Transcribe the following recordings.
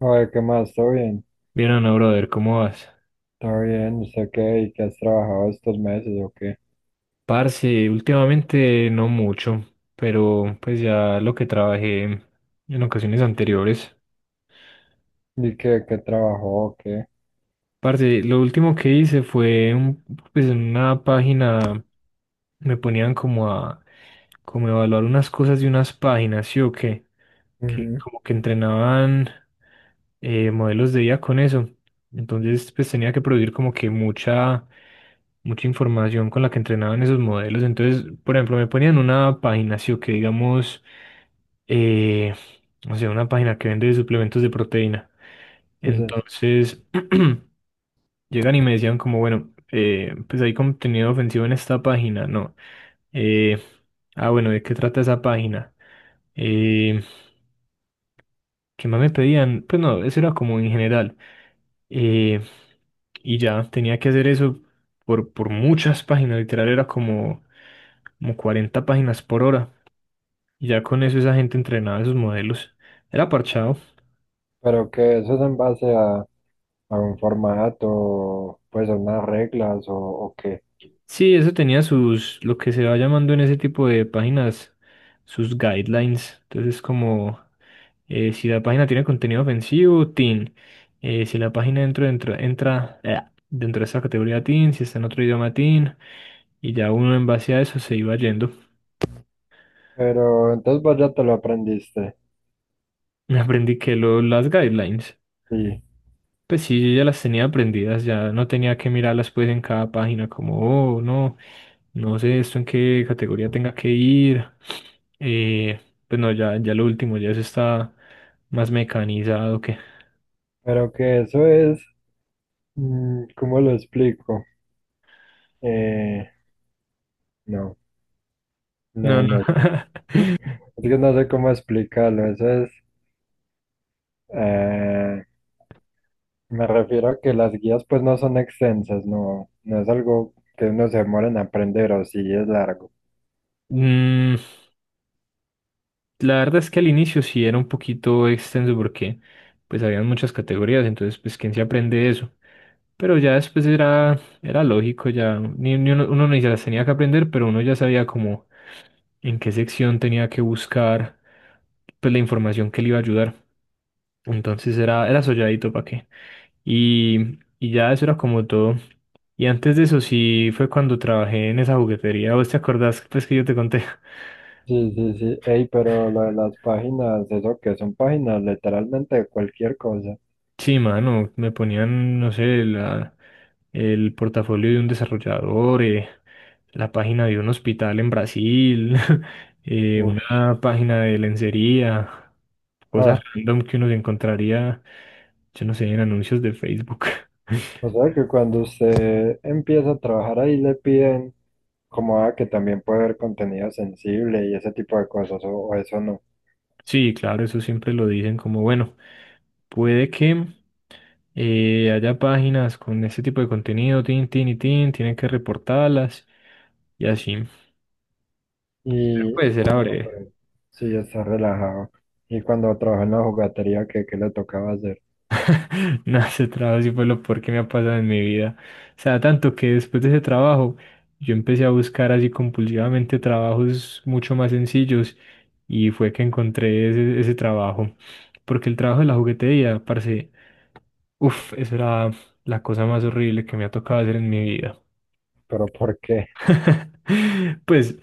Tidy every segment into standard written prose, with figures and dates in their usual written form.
Oye, ¿qué más? ¿Todo bien? Bien, Ana, brother, ¿cómo vas? ¿Todo bien? ¿Usted qué? ¿Y qué has trabajado estos meses o qué? Parce, últimamente no mucho, pero pues ya lo que trabajé en ocasiones anteriores. ¿Y qué trabajó o qué? Parce, lo último que hice fue pues en una página me ponían como a evaluar unas cosas de unas páginas, ¿sí o qué? Que Ujú. como que entrenaban modelos de IA con eso. Entonces, pues tenía que producir como que mucha información con la que entrenaban esos modelos. Entonces, por ejemplo, me ponían una página, sí, o que digamos, eh, o sea, una página que vende suplementos de proteína. Entonces, Entonces, llegan y me decían como, bueno, pues hay contenido ofensivo en esta página, no. Eh, ah, bueno, ¿de qué trata esa página? Eh, ¿Qué más me pedían? Pues no, eso era como en general. Eh, y ya tenía que hacer eso por muchas páginas, literal era como, como 40 páginas por hora. Y ya con eso esa gente entrenaba esos modelos. Era parchado. ¿pero qué? ¿Eso es en base a un formato, pues a unas reglas o qué? Sí, eso tenía sus, lo que se va llamando en ese tipo de páginas, sus guidelines. Entonces, como si la página tiene contenido ofensivo, teen. Si la página entra dentro de esa categoría teen, si está en otro idioma teen. Y ya uno en base a eso se iba yendo. Pero entonces vos ya te lo aprendiste. Me aprendí que lo, las guidelines. Sí. Pues sí, yo ya las tenía aprendidas, ya no tenía que mirarlas pues en cada página como, oh, no. No sé esto en qué categoría tenga que ir. Eh, pues no, ya lo último, ya se está más mecanizado que... Pero que eso es, ¿cómo lo explico? Eh, no, No, no, no. no. Es que no sé cómo explicarlo. Eso es. eh, Me refiero a que las guías pues no son extensas, no, no es algo que uno se demore en aprender o si es largo. Mm, la verdad es que al inicio sí era un poquito extenso porque pues habían muchas categorías, entonces pues quién se aprende eso. Pero ya después era, era lógico, ya ni, ni uno, uno ni se las tenía que aprender, pero uno ya sabía como en qué sección tenía que buscar pues la información que le iba a ayudar. Entonces era, era solladito para qué. Y ya eso era como todo. Y antes de eso sí fue cuando trabajé en esa juguetería. ¿Vos te acordás pues que yo te conté? Sí, sí, sí. Ey, pero lo de las páginas, eso que son páginas literalmente de cualquier cosa. Sí, mano, me ponían, no sé, la, el portafolio de un desarrollador, la página de un hospital en Brasil, Ush. una página de lencería, cosas Ah, random que uno se encontraría, yo no sé, en anuncios de Facebook. o sea que cuando usted empieza a trabajar ahí le piden como que también puede haber contenido sensible y ese tipo de cosas, o eso no. Sí, claro, eso siempre lo dicen como, bueno, puede que y haya páginas con ese tipo de contenido, tin, tin y tin, tienen que reportarlas y así. Pero Y pues era bueno, breve. pero sí, está relajado. Y cuando trabaja en la jugatería, ¿qué le tocaba hacer? No, ese trabajo sí fue lo peor que me ha pasado en mi vida. O sea, tanto que después de ese trabajo yo empecé a buscar así compulsivamente trabajos mucho más sencillos y fue que encontré ese, ese trabajo. Porque el trabajo de la juguetería, parce, uff, eso era la cosa más horrible que me ha tocado hacer en mi vida. ¿Pero por qué? Pues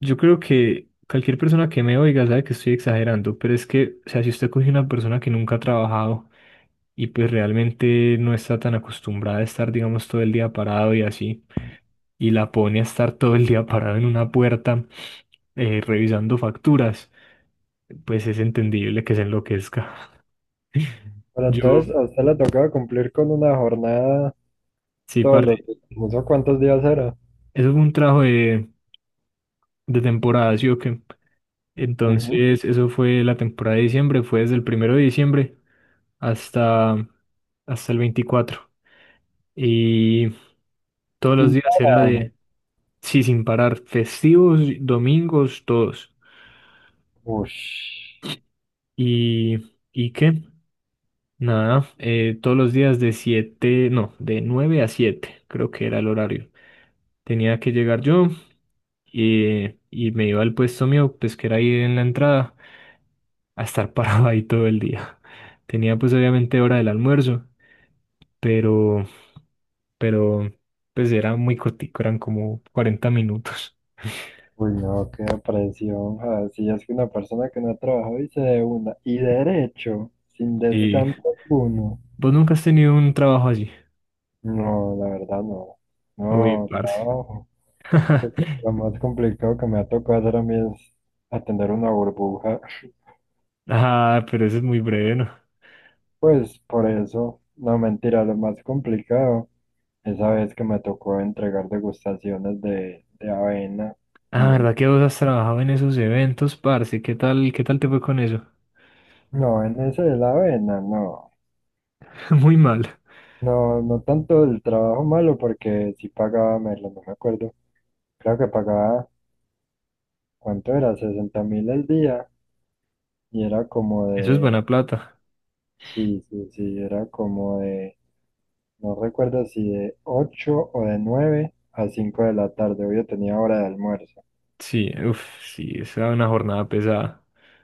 yo creo que cualquier persona que me oiga sabe que estoy exagerando, pero es que, o sea, si usted coge una persona que nunca ha trabajado y pues realmente no está tan acostumbrada a estar, digamos, todo el día parado y así, y la pone a estar todo el día parado en una puerta revisando facturas, pues es entendible que se enloquezca. Pero entonces Yo, a usted le tocaba cumplir con una jornada sí, todos parte, los días. No sé cuántos días era. eso fue un trabajo de temporada, ¿sí o qué? Ujú. Entonces, eso fue la temporada de diciembre, fue desde el primero de diciembre hasta, hasta el 24. Y todos los Sin días era parar. de, sí, sin parar, festivos, domingos, todos. Ush. Y qué? Nada, todos los días de 7 no, de 9 a 7 creo que era el horario. Tenía que llegar yo y me iba al puesto mío, pues que era ahí en la entrada, a estar parado ahí todo el día. Tenía pues obviamente hora del almuerzo, pero, pero pues era muy cortico, eran como 40 minutos. Uy, no, qué presión. Ah, si es que una persona que no ha trabajado y se de una. Y derecho, sin ¿Y descanso alguno. vos nunca has tenido un trabajo así? No, la verdad no. Uy, No, parce. trabajo. Lo más complicado que me ha tocado hacer a mí es atender una burbuja. Ah, pero eso es muy breve, ¿no? Pues por eso, no mentira, lo más complicado. Esa vez que me tocó entregar degustaciones de avena Ah, en el. ¿verdad que vos has trabajado en esos eventos, parce? Qué tal te fue con eso? No, en ese de la avena, no. Muy mal. No, no tanto el trabajo malo porque sí pagaba menos, no me acuerdo. Creo que pagaba, ¿cuánto era? 60,000 al día y era como Eso es de, buena plata. sí, sí, sí, era como de, no recuerdo si de 8 o de 9 a 5 de la tarde. Hoy yo tenía hora de almuerzo. Sí, uff, sí, esa es una jornada pesada.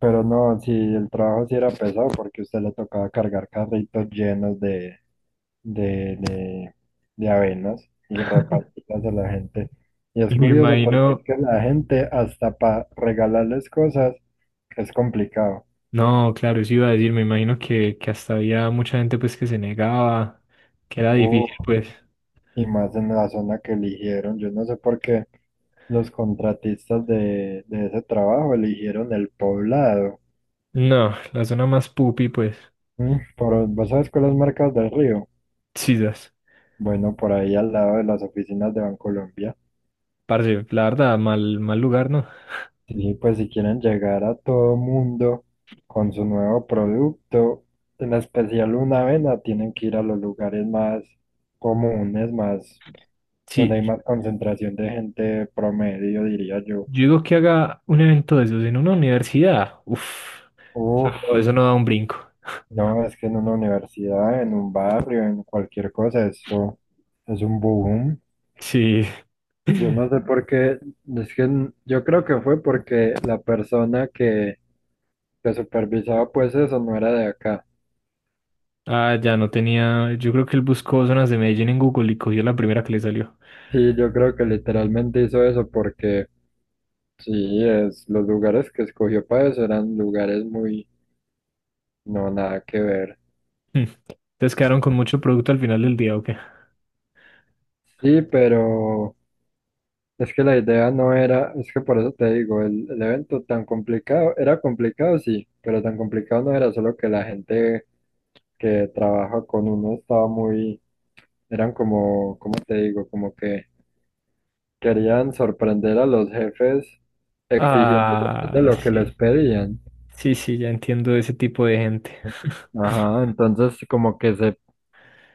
Pero no, si el trabajo sí era pesado porque a usted le tocaba cargar carritos llenos de, de, de avenas y repartirlas a la gente. Y es Y me curioso porque es imagino, que la gente hasta para regalarles cosas es complicado. no, claro, eso iba a decir, me imagino que hasta había mucha gente pues que se negaba, que era Uh, difícil, pues. y más en la zona que eligieron. Yo no sé por qué los contratistas de ese trabajo eligieron el Poblado. No, la zona más pupi, pues. ¿Vos sabes cuáles marcas del río? Chidas. Bueno, por ahí al lado de las oficinas de Bancolombia. Parce, la verdad, mal, mal lugar, ¿no? Sí, pues si quieren llegar a todo mundo con su nuevo producto, en especial una avena, tienen que ir a los lugares más comunes, más donde Sí, hay más concentración de gente promedio, diría yo. yo digo que haga un evento de esos en una universidad. Uf, Uf, eso no da un brinco. no, es que en una universidad, en un barrio, en cualquier cosa, eso es un boom. Sí. Yo no sé por qué, es que yo creo que fue porque la persona que supervisaba pues eso, no era de acá. Ah, ya no tenía. Yo creo que él buscó zonas de Medellín en Google y cogió la primera que le salió. Sí, yo creo que literalmente hizo eso porque sí, es, los lugares que escogió para eso eran lugares muy, no, nada que ver. Hmm. Entonces quedaron con mucho producto al final del día, ¿o qué? Sí, pero es que la idea no era, es que por eso te digo, el evento tan complicado, era complicado sí, pero tan complicado no era, solo que la gente que trabaja con uno estaba muy, eran como, ¿cómo te digo? Como que querían sorprender a los jefes exigiendo de Ah, lo que sí. les pedían. Sí, sí, ya entiendo ese tipo de gente. Ajá, entonces como que se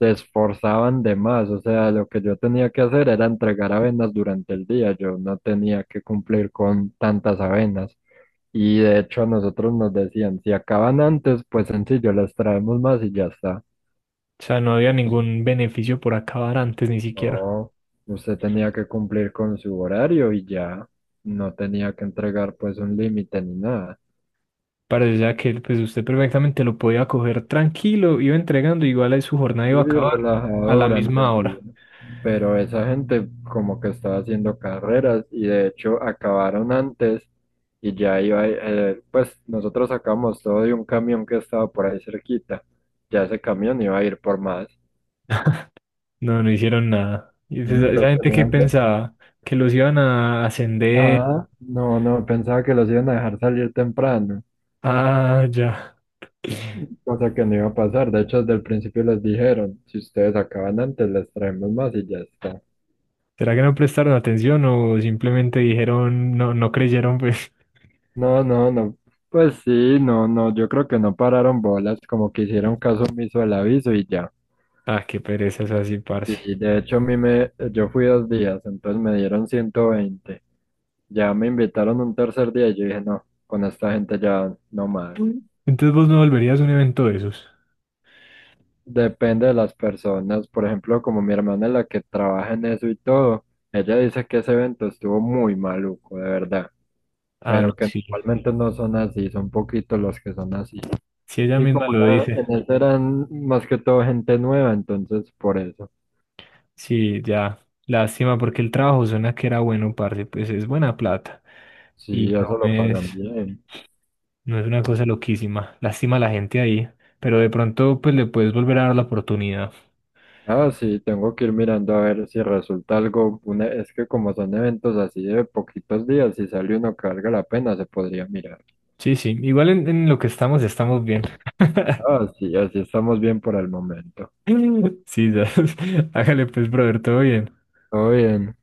se esforzaban de más, o sea, lo que yo tenía que hacer era entregar avenas durante el día, yo no tenía que cumplir con tantas avenas. Y de hecho a nosotros nos decían, si acaban antes, pues sencillo, les traemos más y ya está. O sea, no había ningún beneficio por acabar antes ni siquiera. No, usted tenía que cumplir con su horario y ya no tenía que entregar pues un límite ni nada. Parecía que pues usted perfectamente lo podía coger tranquilo, iba entregando, igual ahí su jornada Sí, iba a acabar a relajado la durante misma el día, hora. ¿no? Pero esa gente como que estaba haciendo carreras y de hecho acabaron antes y ya iba, pues nosotros sacamos todo de un camión que estaba por ahí cerquita, ya ese camión iba a ir por más. No, no hicieron nada. Y Mm. esa Entonces gente que tenían que- pensaba que los iban a ascender. Ah, no, no, pensaba que los iban a dejar salir temprano, Ah, ya. cosa que no iba a pasar, de hecho desde el principio les dijeron, si ustedes acaban antes les traemos más y ya está. ¿Será que no prestaron atención o simplemente dijeron, no, no creyeron, pues? No, no, no. Pues sí, no, no. Yo creo que no pararon bolas, como que hicieron caso omiso al aviso y ya. Ah, qué pereza es así, parce. Y de hecho yo fui 2 días, entonces me dieron 120. Ya me invitaron un tercer día y yo dije, no, con esta gente ya no más. Mm. Entonces vos no volverías a un evento de esos. Depende de las personas. Por ejemplo, como mi hermana es la que trabaja en eso y todo, ella dice que ese evento estuvo muy maluco, de verdad. Ah, Pero no, que sí. normalmente no son así, son poquitos los que son así. Si ella Y misma como lo dice. en eso eran más que todo gente nueva, entonces por eso. Sí, ya. Lástima porque el trabajo suena que era bueno, parce, pues es buena plata. Y Sí, no eso lo pagan es. bien. No es una cosa loquísima. Lástima a la gente ahí. Pero de pronto, pues le puedes volver a dar la oportunidad. Ah, sí, tengo que ir mirando a ver si resulta algo. Es que como son eventos así de poquitos días, si sale uno que valga la pena, se podría mirar. Sí, sí. Igual en lo que estamos, estamos bien. Ah, sí, así estamos bien por el momento. Sí, ya. Hágale pues, brother, todo bien. Todo bien.